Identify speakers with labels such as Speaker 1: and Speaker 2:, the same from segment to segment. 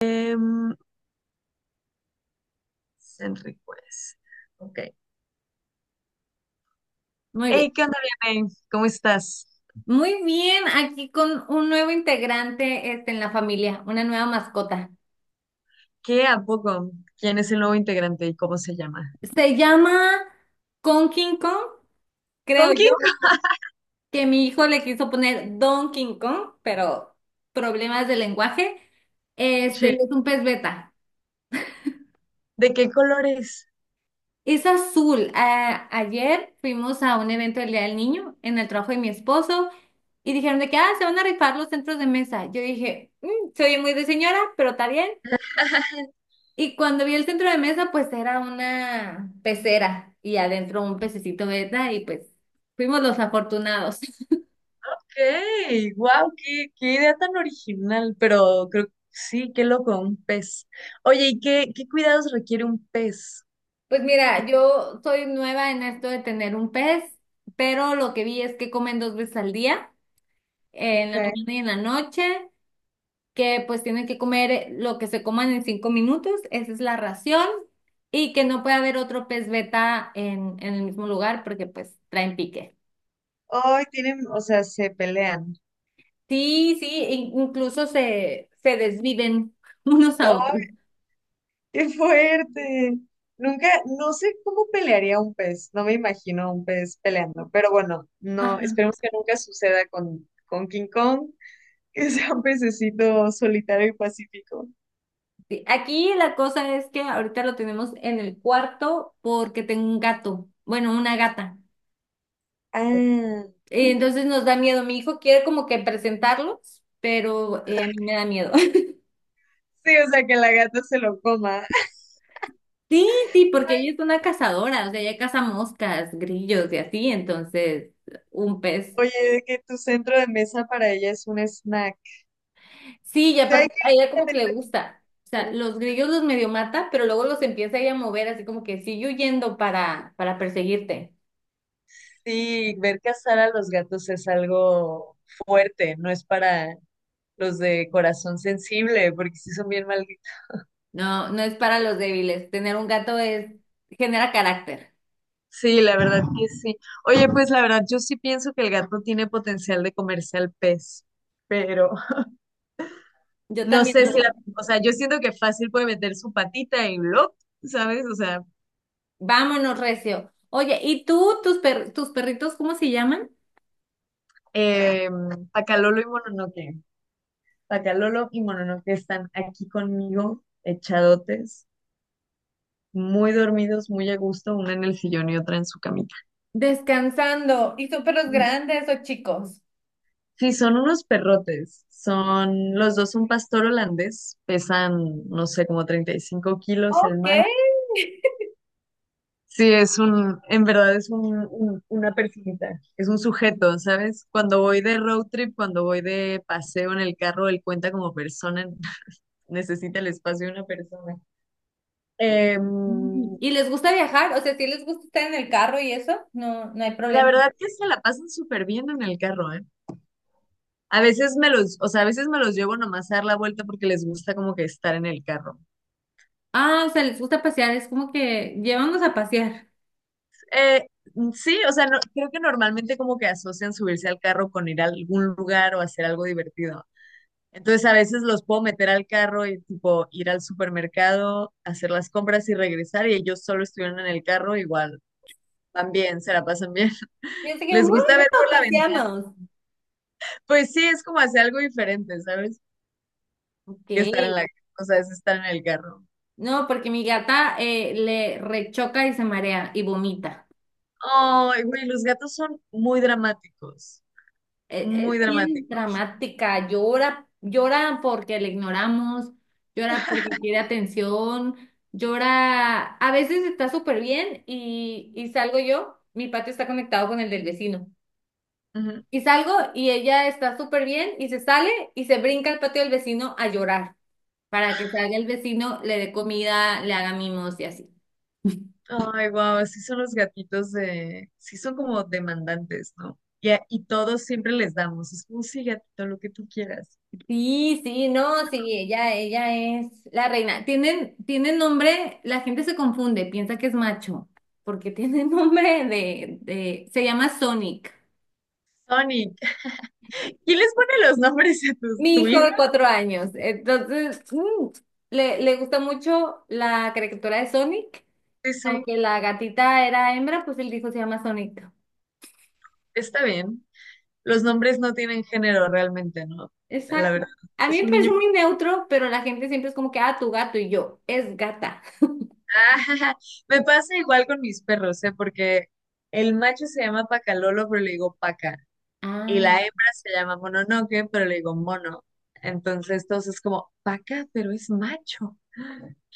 Speaker 1: Em, Enríquez. Ok.
Speaker 2: Muy bien.
Speaker 1: Hey, ¿qué onda, Vianey? ¿Cómo estás?
Speaker 2: Muy bien, aquí con un nuevo integrante en la familia, una nueva mascota.
Speaker 1: ¿Qué a poco? ¿Quién es el nuevo integrante y cómo se llama?
Speaker 2: Se llama King Kong, creo
Speaker 1: ¿Con
Speaker 2: yo,
Speaker 1: quién?
Speaker 2: que mi hijo le quiso poner Don King Kong, pero problemas de lenguaje. Y
Speaker 1: Sí.
Speaker 2: es un pez beta.
Speaker 1: ¿De qué colores?
Speaker 2: Es azul. Ayer fuimos a un evento del Día del Niño en el trabajo de mi esposo y dijeron de que, se van a rifar los centros de mesa. Yo dije, "Mm, se oye muy de señora, pero está bien." Y cuando vi el centro de mesa, pues era una pecera y adentro un pececito beta y pues fuimos los afortunados.
Speaker 1: Ok, wow, qué idea tan original, pero creo que sí, qué loco, un pez. Oye, ¿y qué cuidados requiere un pez?
Speaker 2: Pues mira, yo soy nueva en esto de tener un pez, pero lo que vi es que comen dos veces al día, en
Speaker 1: Ok.
Speaker 2: la mañana y en la noche, que pues tienen que comer lo que se coman en 5 minutos, esa es la ración, y que no puede haber otro pez beta en el mismo lugar porque pues traen pique.
Speaker 1: Ay, tienen, o sea, se pelean.
Speaker 2: Sí, sí, incluso se desviven unos a otros.
Speaker 1: ¡Qué fuerte! Nunca, no sé cómo pelearía un pez, no me imagino a un pez peleando, pero bueno, no,
Speaker 2: Ajá.
Speaker 1: esperemos que nunca suceda con King Kong, que sea un pececito solitario y pacífico.
Speaker 2: Sí, aquí la cosa es que ahorita lo tenemos en el cuarto porque tengo un gato, bueno, una gata.
Speaker 1: Ah,
Speaker 2: Entonces nos da miedo. Mi hijo quiere como que presentarlos, pero a mí me da miedo.
Speaker 1: sí, o sea, que la gata se lo coma.
Speaker 2: Sí, sí, porque ella es una cazadora, o sea, ella caza moscas, grillos y así, entonces un pez.
Speaker 1: Oye, de que tu centro de mesa para ella es un snack.
Speaker 2: Sí, y
Speaker 1: Sí,
Speaker 2: aparte a ella como que le gusta. O sea, los grillos los medio mata, pero luego los empieza a mover así como que sigue huyendo para perseguirte.
Speaker 1: sí, ver cazar a los gatos es algo fuerte, no es para los de corazón sensible, porque sí son bien mal.
Speaker 2: No, no es para los débiles. Tener un gato es, genera carácter.
Speaker 1: Sí, la verdad que sí. Oye, pues la verdad, yo sí pienso que el gato tiene potencial de comerse al pez, pero
Speaker 2: Yo
Speaker 1: no
Speaker 2: también
Speaker 1: sé
Speaker 2: no
Speaker 1: si la,
Speaker 2: lo-
Speaker 1: o sea, yo siento que fácil puede meter su patita y lo, ¿sabes? O sea,
Speaker 2: Vámonos, Recio. Oye, ¿y tú, tus perritos, cómo se llaman?
Speaker 1: eh, Pacalolo y Mononoke. Pacalolo y Mononoke están aquí conmigo, echadotes, muy dormidos, muy a gusto, una en el sillón y otra en su camita.
Speaker 2: Descansando. ¿Y son perros grandes o chicos?
Speaker 1: Sí, son unos perrotes. Son, los dos son pastor holandés, pesan, no sé, como 35 kilos el
Speaker 2: Ok.
Speaker 1: macho. Sí, es un, en verdad es un, una personita, es un sujeto, ¿sabes? Cuando voy de paseo en el carro, él cuenta como persona, necesita el espacio de una persona. Em,
Speaker 2: ¿Y les gusta viajar? O sea, ¿si les gusta estar en el carro y eso? No, no hay
Speaker 1: la
Speaker 2: problema.
Speaker 1: verdad que se la pasan súper bien en el carro, ¿eh? A veces me los, o sea, a veces me los llevo nomás a dar la vuelta porque les gusta como que estar en el carro.
Speaker 2: Ah, o sea, les gusta pasear, es como que llévanos a pasear.
Speaker 1: Eh, sí, o sea, creo que normalmente como que asocian subirse al carro con ir a algún lugar o hacer algo divertido. Entonces a veces los puedo meter al carro y tipo ir al supermercado, hacer las compras y regresar y ellos solo estuvieron en el carro, igual van bien, se la pasan bien.
Speaker 2: Y así que,
Speaker 1: Les
Speaker 2: ¡wow!
Speaker 1: gusta ver por la ventana.
Speaker 2: Paseamos.
Speaker 1: Pues sí, es como hacer algo diferente, ¿sabes?
Speaker 2: Ok.
Speaker 1: Que estar en la, o sea, es estar en el carro.
Speaker 2: No, porque mi gata le rechoca y se marea y vomita.
Speaker 1: Ay, güey, los gatos son muy dramáticos,
Speaker 2: Eh,
Speaker 1: muy
Speaker 2: Es bien
Speaker 1: dramáticos.
Speaker 2: dramática, llora, llora porque le ignoramos, llora porque quiere atención, llora. A veces está súper bien y, salgo yo, mi patio está conectado con el del vecino.
Speaker 1: Ujú.
Speaker 2: Y salgo y ella está súper bien y se sale y se brinca al patio del vecino a llorar. Para que salga el vecino, le dé comida, le haga mimos y así.
Speaker 1: Ay, wow, sí son los gatitos de, sí son como demandantes, ¿no? Y, y todos siempre les damos, es como sí, gatito, lo que tú quieras.
Speaker 2: Sí, sí, no, sí, ella es la reina. Tienen, tienen nombre, la gente se confunde, piensa que es macho, porque tiene nombre de, se llama Sonic.
Speaker 1: Sonic, ¿quién les pone los nombres a
Speaker 2: Mi
Speaker 1: tu,
Speaker 2: hijo
Speaker 1: hijo?
Speaker 2: de 4 años, entonces, le gusta mucho la caricatura de Sonic,
Speaker 1: Sí, sí,
Speaker 2: aunque la gatita era hembra, pues él dijo se llama Sonic.
Speaker 1: está bien. Los nombres no tienen género realmente, ¿no? La verdad,
Speaker 2: Exacto. A mí
Speaker 1: es
Speaker 2: me
Speaker 1: un niño.
Speaker 2: parece muy neutro, pero la gente siempre es como que, ah, tu gato y yo, es gata.
Speaker 1: Ah, me pasa igual con mis perros, ¿eh? Porque el macho se llama Pacalolo, pero le digo Paca. Y la
Speaker 2: Ah,
Speaker 1: hembra se llama Mononoke, pero le digo Mono. Entonces, todos es como, Paca, pero es macho.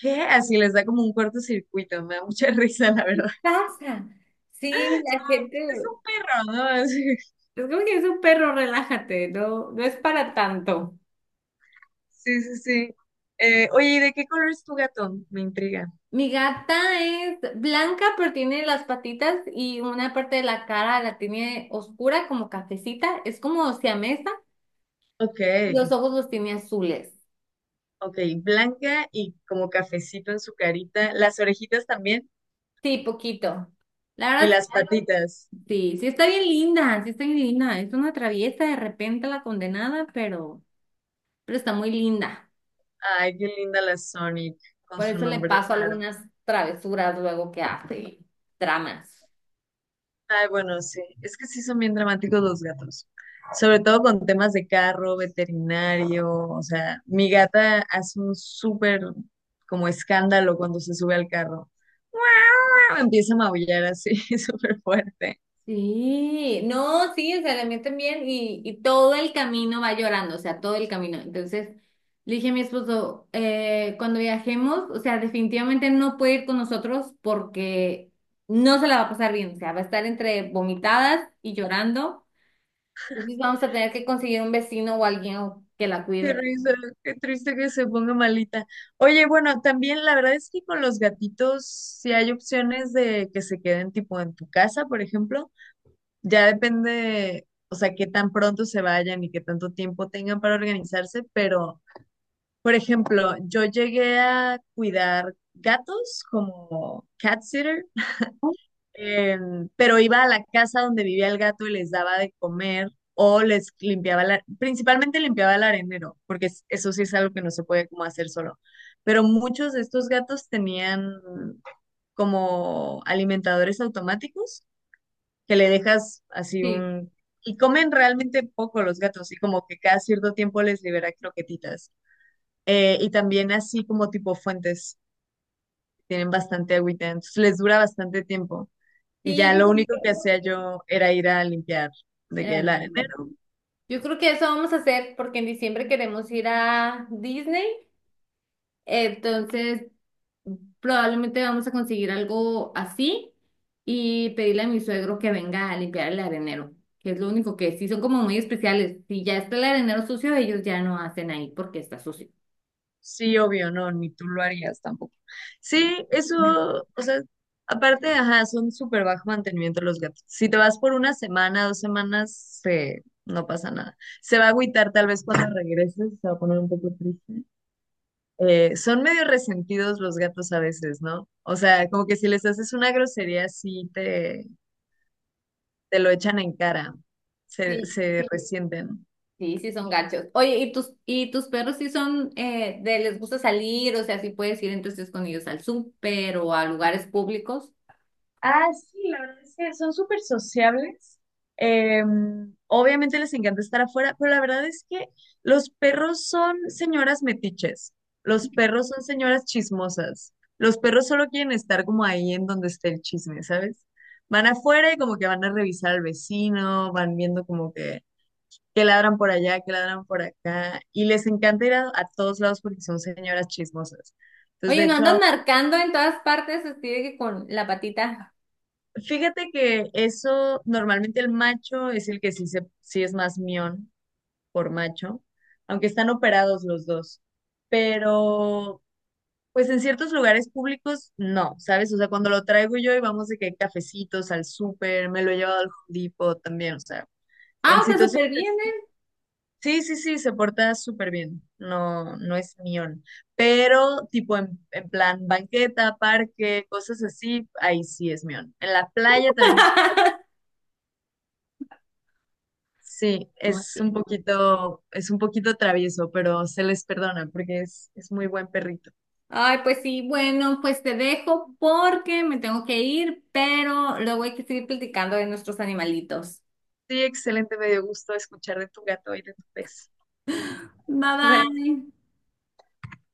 Speaker 1: ¿Qué? Así les da como un cortocircuito. Me da mucha risa, la verdad.
Speaker 2: pasa. Sí, la gente.
Speaker 1: Es un perro, ¿no?
Speaker 2: Es como que es un perro, relájate, no, no es para tanto.
Speaker 1: Sí, sí, sí. Oye, ¿y de qué color es tu gato? Me intriga.
Speaker 2: Mi gata es blanca, pero tiene las patitas y una parte de la cara la tiene oscura, como cafecita. Es como siamesa.
Speaker 1: Ok,
Speaker 2: Los ojos los tiene azules.
Speaker 1: ok, blanca y como cafecito en su carita, las orejitas también
Speaker 2: Sí, poquito. La
Speaker 1: y
Speaker 2: verdad,
Speaker 1: las patitas.
Speaker 2: sí, sí está bien linda, sí está bien linda. Es una traviesa de repente la condenada, pero está muy linda.
Speaker 1: Ay, qué linda la Sonic con
Speaker 2: Por
Speaker 1: su
Speaker 2: eso le
Speaker 1: nombre
Speaker 2: paso
Speaker 1: raro.
Speaker 2: algunas travesuras luego que hace, tramas.
Speaker 1: Ay, bueno, sí, es que sí son bien dramáticos los gatos, sobre todo con temas de carro, veterinario, o sea, mi gata hace un súper como escándalo cuando se sube al carro. ¡Ah! Empieza a maullar así, súper fuerte.
Speaker 2: Sí, no, sí, se le meten bien y, todo el camino va llorando, o sea, todo el camino. Entonces, le dije a mi esposo, cuando viajemos, o sea, definitivamente no puede ir con nosotros porque no se la va a pasar bien, o sea, va a estar entre vomitadas y llorando. Entonces vamos a tener que conseguir un vecino o alguien que la
Speaker 1: Qué
Speaker 2: cuide.
Speaker 1: risa, qué triste que se ponga malita. Oye, bueno, también la verdad es que con los gatitos, si hay opciones de que se queden tipo en tu casa, por ejemplo, ya depende, o sea, qué tan pronto se vayan y qué tanto tiempo tengan para organizarse, pero, por ejemplo, yo llegué a cuidar gatos como cat sitter. Pero iba a la casa donde vivía el gato y les daba de comer o les limpiaba, principalmente limpiaba el arenero, porque eso sí es algo que no se puede como hacer solo. Pero muchos de estos gatos tenían como alimentadores automáticos que le dejas así
Speaker 2: Sí,
Speaker 1: un. Y comen realmente poco los gatos y como que cada cierto tiempo les libera croquetitas. Y también así como tipo fuentes, tienen bastante agüita, entonces les dura bastante tiempo. Y ya
Speaker 2: sí,
Speaker 1: lo único que hacía yo era ir a limpiar
Speaker 2: que
Speaker 1: de
Speaker 2: era
Speaker 1: que el
Speaker 2: el mismo.
Speaker 1: arenero.
Speaker 2: Yo creo que eso vamos a hacer porque en diciembre queremos ir a Disney, entonces probablemente vamos a conseguir algo así y pedirle a mi suegro que venga a limpiar el arenero, que es lo único que sí son como muy especiales. Si ya está el arenero sucio, ellos ya no hacen ahí porque está sucio.
Speaker 1: Sí, obvio, no, ni tú lo harías tampoco. Sí, eso, o sea, aparte, ajá, son súper bajo mantenimiento los gatos. Si te vas por una semana, dos semanas, se, no pasa nada. Se va a agüitar tal vez cuando regreses, se va a poner un poco triste. Son medio resentidos los gatos a veces, ¿no? O sea, como que si les haces una grosería, sí te lo echan en cara, se,
Speaker 2: Sí,
Speaker 1: se sí, resienten.
Speaker 2: sí, sí son gachos. Oye, y tus perros sí son de les gusta salir? O sea, ¿sí puedes ir entonces con ellos al súper o a lugares públicos?
Speaker 1: Ah, sí, la verdad es que son súper sociables. Eh, obviamente les encanta estar afuera, pero la verdad es que los perros son señoras metiches, los perros son señoras chismosas, los perros solo quieren estar como ahí en donde esté el chisme, ¿sabes? Van afuera y como que van a revisar al vecino, van viendo como que ladran por allá, que ladran por acá, y les encanta ir a todos lados porque son señoras chismosas. Entonces, de
Speaker 2: Oye, no
Speaker 1: hecho,
Speaker 2: andan marcando en todas partes, así de que con la patita.
Speaker 1: fíjate que eso, normalmente el macho es el que sí, sí es más mión por macho, aunque están operados los dos. Pero, pues en ciertos lugares públicos, no, ¿sabes? O sea, cuando lo traigo yo y vamos de que hay cafecitos al súper, me lo he llevado al Home Depot también, o sea, en
Speaker 2: Ah, está
Speaker 1: situaciones
Speaker 2: súper bien,
Speaker 1: así.
Speaker 2: ¿eh?
Speaker 1: Sí, sí, sí, se porta súper bien, no, no es mión. Pero, tipo, en, plan banqueta, parque, cosas así, ahí sí es mión. En la playa también es. Sí,
Speaker 2: Muy bien.
Speaker 1: es un poquito travieso, pero se les perdona porque es muy buen perrito.
Speaker 2: Ay, pues sí, bueno, pues te dejo porque me tengo que ir, pero luego hay que seguir platicando de nuestros animalitos.
Speaker 1: Sí, excelente, me dio gusto escuchar de tu gato y de tu pez.
Speaker 2: Bye
Speaker 1: Bye.
Speaker 2: bye.